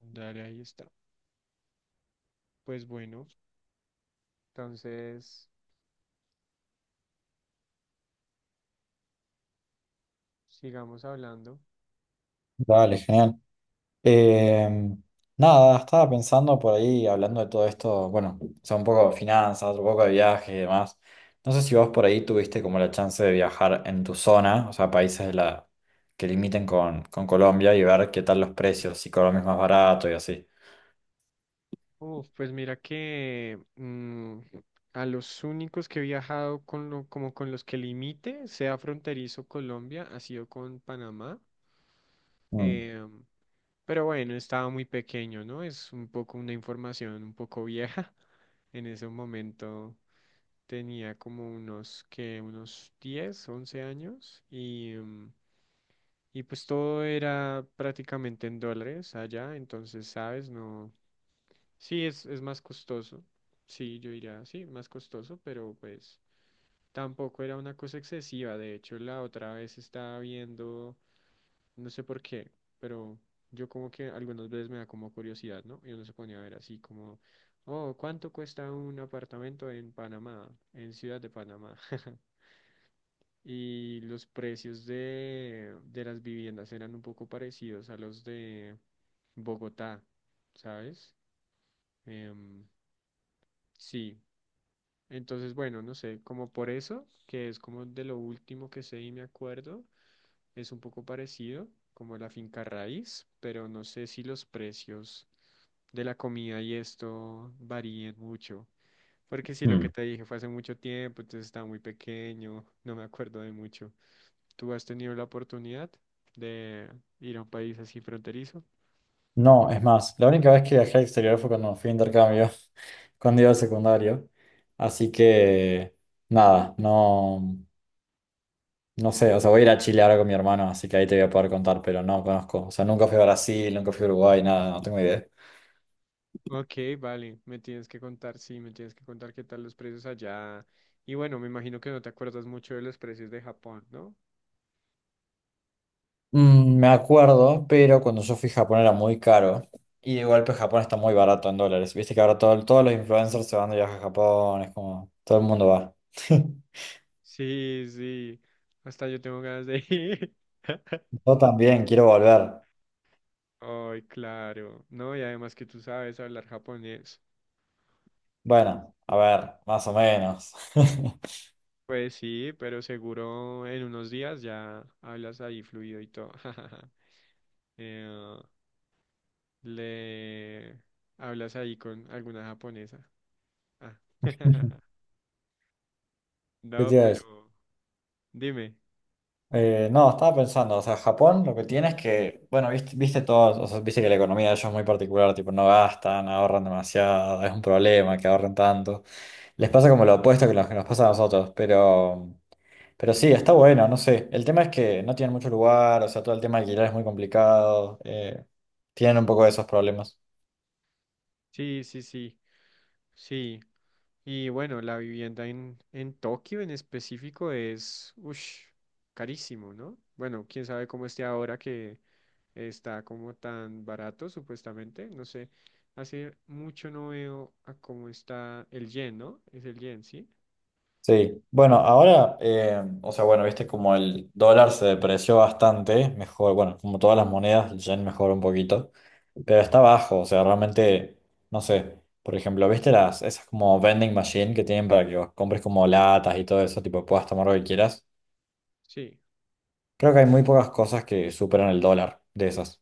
Dale, ahí está. Pues bueno, entonces sigamos hablando. Dale, genial. Eh, Nada, estaba pensando por ahí, hablando de todo esto, bueno, o sea, un poco de finanzas, un poco de viajes y demás. No sé si vos por ahí tuviste como la chance de viajar en tu zona, o sea, países de que limiten con Colombia y ver qué tal los precios, si Colombia es más barato y así. Uf, pues mira que a los únicos que he viajado como con los que limite, sea fronterizo Colombia, ha sido con Panamá. Mm, Eh, pero bueno, estaba muy pequeño, ¿no? Es un poco una información un poco vieja. En ese momento tenía como unos 10 11 años y pues todo era prácticamente en dólares allá, entonces, ¿sabes? No. Sí, es más costoso. Sí, yo diría, sí, más costoso, pero pues tampoco era una cosa excesiva. De hecho, la otra vez estaba viendo, no sé por qué, pero yo como que algunas veces me da como curiosidad, ¿no? Y uno se ponía a ver así como, oh, ¿cuánto cuesta un apartamento en Panamá, en Ciudad de Panamá? Y los precios de las viviendas eran un poco parecidos a los de Bogotá, ¿sabes? Em, sí, entonces bueno, no sé, como por eso, que es como de lo último que sé y me acuerdo, es un poco parecido como la finca raíz, pero no sé si los precios de la comida y esto varíen mucho. Porque si lo mm. que te dije fue hace mucho tiempo, entonces estaba muy pequeño, no me acuerdo de mucho. ¿Tú has tenido la oportunidad de ir a un país así fronterizo? No, es más, la única vez que viajé al exterior fue cuando fui a intercambio, cuando iba al secundario. Así que, nada, no. No sé, o sea, voy a ir a Chile ahora con mi hermano, así que ahí te voy a poder contar, pero no conozco. O sea, nunca fui a Brasil, nunca fui a Uruguay, nada, no tengo idea. Ok, vale, me tienes que contar, sí, me tienes que contar qué tal los precios allá. Y bueno, me imagino que no te acuerdas mucho de los precios de Japón, ¿no? Mm, me acuerdo, pero cuando yo fui a Japón era muy caro. Y de golpe Japón está muy barato en dólares. Viste que ahora todos los influencers se van de viaje a Japón, es como todo el mundo va. Sí, sí, hasta yo tengo ganas de ir. Yo también quiero volver. Ay, claro, ¿no? Y además que tú sabes hablar japonés. Bueno, a ver, más o menos. Pues sí, pero seguro en unos días ya hablas ahí fluido y todo. Eh, Le hablas ahí con alguna japonesa. Ah, ¿Qué te No, iba a decir? pero dime. No, estaba pensando, o sea, Japón lo que tiene es que, bueno, viste, viste todos, o sea, viste que la economía de ellos es muy particular, tipo, no gastan, ahorran demasiado, es un problema que ahorren tanto. Les pasa como lo opuesto que lo que nos pasa a nosotros, pero sí, está bueno, no sé. El tema es que no tienen mucho lugar, o sea, todo el tema de alquiler es muy complicado, tienen un poco de esos problemas. Sí, sí, sí, sí. Y bueno, la vivienda en Tokio en específico es, ush, carísimo, ¿no? Bueno, quién sabe cómo esté ahora que está como tan barato, supuestamente. No sé, hace mucho no veo a cómo está el yen, ¿no? Es el yen, ¿sí? Sí, bueno, ahora, o sea, bueno, viste como el dólar se depreció bastante, mejor, bueno, como todas las monedas, el yen mejoró un poquito, pero está bajo, o sea, realmente, no sé, por ejemplo, viste las, esas como vending machine que tienen para que vos compres como latas y todo eso, tipo, puedas tomar lo que quieras, Sí. creo que hay muy pocas cosas que superan el dólar de esas.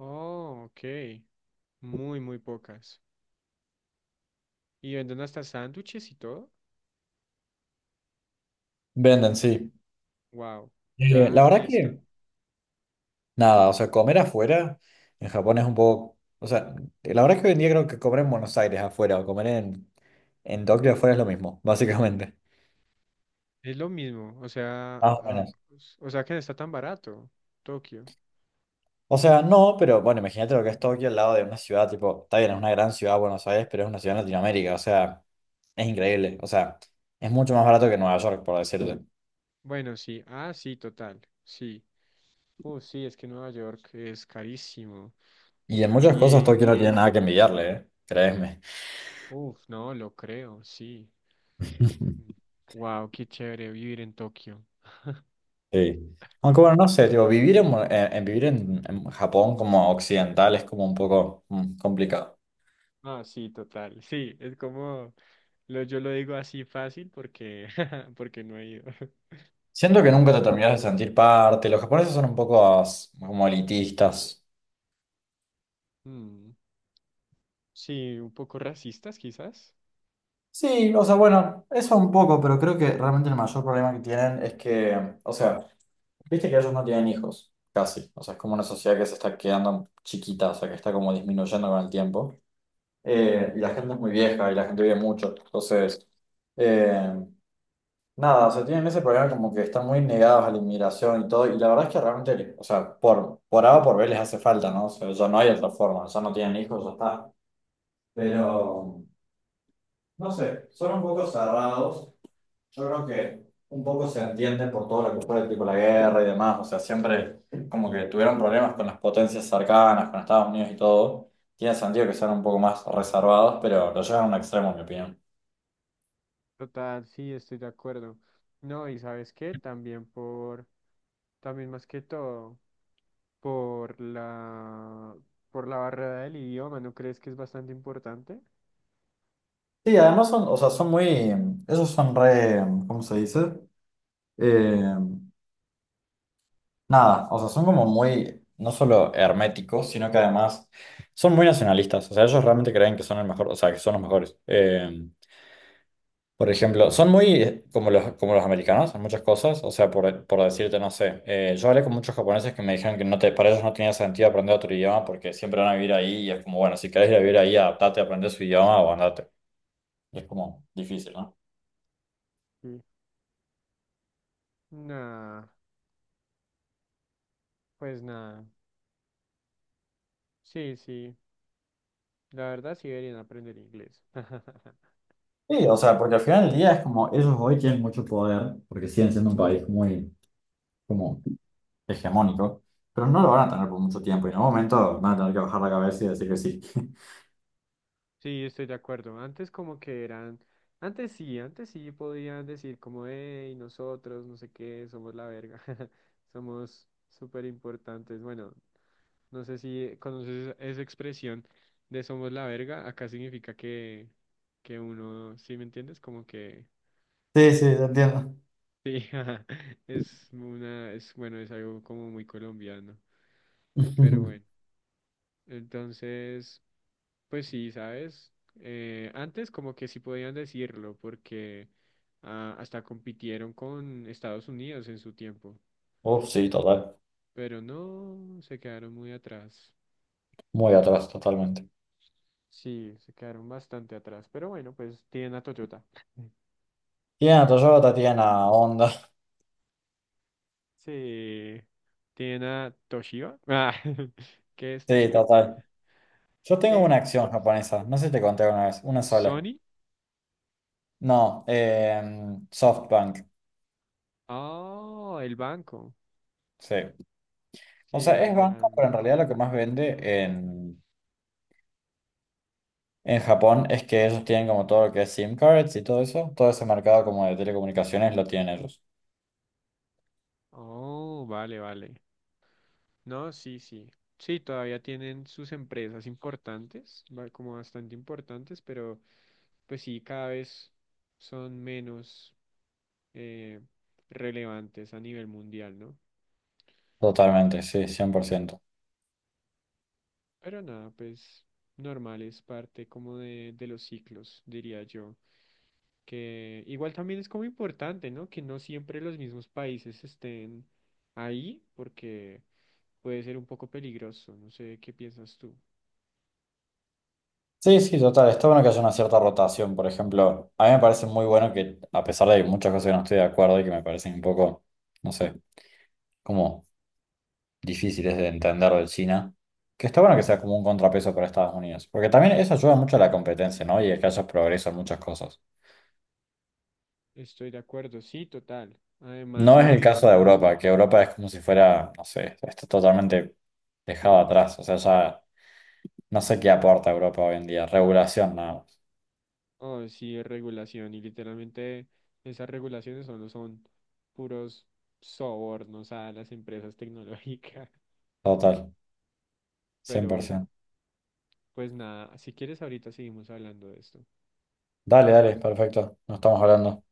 Oh, ok. Muy, muy pocas. Y venden hasta sándwiches y todo. Venden, sí. Wow. Ya, La ahí verdad está. que... Nada, o sea, comer afuera en Japón es un poco, o sea, la verdad es que hoy en día creo que comer en Buenos Aires afuera o comer en Tokio afuera es lo mismo, básicamente. Es lo mismo, o sea, Más o ah, menos. o sea que no está tan barato, Tokio. O sea, no, pero bueno, imagínate lo que es Tokio al lado de una ciudad, tipo, está bien, es una gran ciudad Buenos Aires, pero es una ciudad en Latinoamérica, o sea, es increíble, o sea, es mucho más barato que Nueva York, por decirte. Bueno, sí, ah, sí, total, sí. Sí, es que Nueva York es carísimo. Y en muchas cosas Y, Tokio no tiene nada que envidiarle, ¿eh? Créeme. uff, no, lo creo, sí. Wow, qué chévere vivir en Tokio. Sí. Aunque bueno, no sé, tipo, vivir en Japón como occidental es como un poco complicado. Ah, sí, total, sí, es como, lo, yo lo digo así fácil porque, porque no he ido, Siento que pero, nunca te terminas de sentir parte. Los japoneses son un poco como elitistas. mm, sí, un poco racistas quizás. Sí, o sea, bueno, eso un poco, pero creo que realmente el mayor problema que tienen es que, o sea, viste que ellos no tienen hijos, casi. O sea, es como una sociedad que se está quedando chiquita, o sea, que está como disminuyendo con el tiempo. Y la gente es muy vieja y la gente vive mucho. Entonces... eh, Nada, o sea, tienen ese problema como que están muy negados a la inmigración y todo, y la verdad es que realmente, o sea, por A o por B les hace falta, ¿no? O sea, ya no hay otra forma, ya no tienen hijos, ya está. Pero, no sé, son un poco cerrados, yo creo que un poco se entiende por todo lo que fue, tipo la guerra y demás, o sea, siempre como que tuvieron problemas con las potencias cercanas, con Estados Unidos y todo, tiene sentido que sean un poco más reservados, pero lo llevan a un extremo, en mi opinión. Total, sí, estoy de acuerdo. No, y sabes qué, también más que todo, por la, por la barrera del idioma, ¿no crees que es bastante importante? Sí, además son, o sea, son muy, esos son re, ¿cómo se dice? Eh, Nada, o sea, son como muy, no solo herméticos, sino que además son muy nacionalistas. O sea, ellos realmente creen que son el mejor, o sea, que son los mejores. Por ejemplo, son muy como como los americanos en muchas cosas. O sea, por decirte, no sé, yo hablé con muchos japoneses que me dijeron que no te, para ellos no tenía sentido aprender otro idioma porque siempre van a vivir ahí y es como, bueno, si querés ir a vivir ahí, adaptate, aprende su idioma o andate. Es como difícil, ¿no? Sí. Nah, pues nada. Sí, sí, la verdad sí deberían aprender inglés. Sí, o sea, porque al final del día es como ellos hoy tienen mucho poder, porque siguen siendo un país muy como hegemónico, pero no lo van a tener por mucho tiempo y en algún momento van a tener que bajar la cabeza y decir que sí. Sí, estoy de acuerdo. Antes como que eran, antes sí podían decir como, hey, nosotros, no sé qué, somos la verga, somos súper importantes. Bueno, no sé si conoces esa expresión de somos la verga. Acá significa que uno, ¿sí me entiendes? Como que Sí, sí, te entiendo. sí, ajá, es una, es bueno, es algo como muy colombiano. Pero bueno, entonces, pues sí, ¿sabes? Antes como que sí podían decirlo porque hasta compitieron con Estados Unidos en su tiempo. Uf, sí, total. Pero no, se quedaron muy atrás. Muy atrás, totalmente. Sí, se quedaron bastante atrás. Pero bueno, pues tienen a Toyota. Tienen a Toyota, tienen a Honda. Sí. Tiene Toshiba. Ah, ¿qué es Sí, Toshiba? total. Yo tengo ¿Qué una acción es? japonesa, no sé si te conté una vez, una sola. ¿Sony? No, SoftBank. Oh, el banco. Sí. O Sí, sea, es el banco, gran pero en banco. realidad lo que más vende en, en Japón es que ellos tienen como todo lo que es SIM cards y todo eso. Todo ese mercado como de telecomunicaciones lo tienen ellos. Oh, vale, vale. No, sí, sí. Sí, todavía tienen sus empresas importantes, como bastante importantes, pero pues sí, cada vez son menos eh, relevantes a nivel mundial, ¿no? Totalmente, sí, 100%. Pero nada, pues normal, es parte como de los ciclos, diría yo. Que igual también es como importante, ¿no? Que no siempre los mismos países estén ahí, porque puede ser un poco peligroso. No sé qué piensas tú. Sí, sí, total. Está bueno que haya una cierta rotación. Por ejemplo, a mí me parece muy bueno que, a pesar de que muchas cosas que no estoy de acuerdo y que me parecen un poco, no sé, como difíciles de entender de China, que está bueno que sea como un contrapeso para Estados Unidos. Porque también eso ayuda mucho a la competencia, ¿no? Y a que haya progreso en muchas cosas. Estoy de acuerdo, sí, total. Además No es el que, caso de Europa, que Europa es como si fuera, no sé, está totalmente dejado atrás. O sea, ya no sé qué aporta Europa hoy en día. Regulación nada más. oh, sí, es regulación y literalmente esas regulaciones solo son puros sobornos a las empresas tecnológicas. Total, cien Pero por bueno, ciento pues nada, si quieres ahorita seguimos hablando de esto. Dale, dale, perfecto. Nos estamos hablando.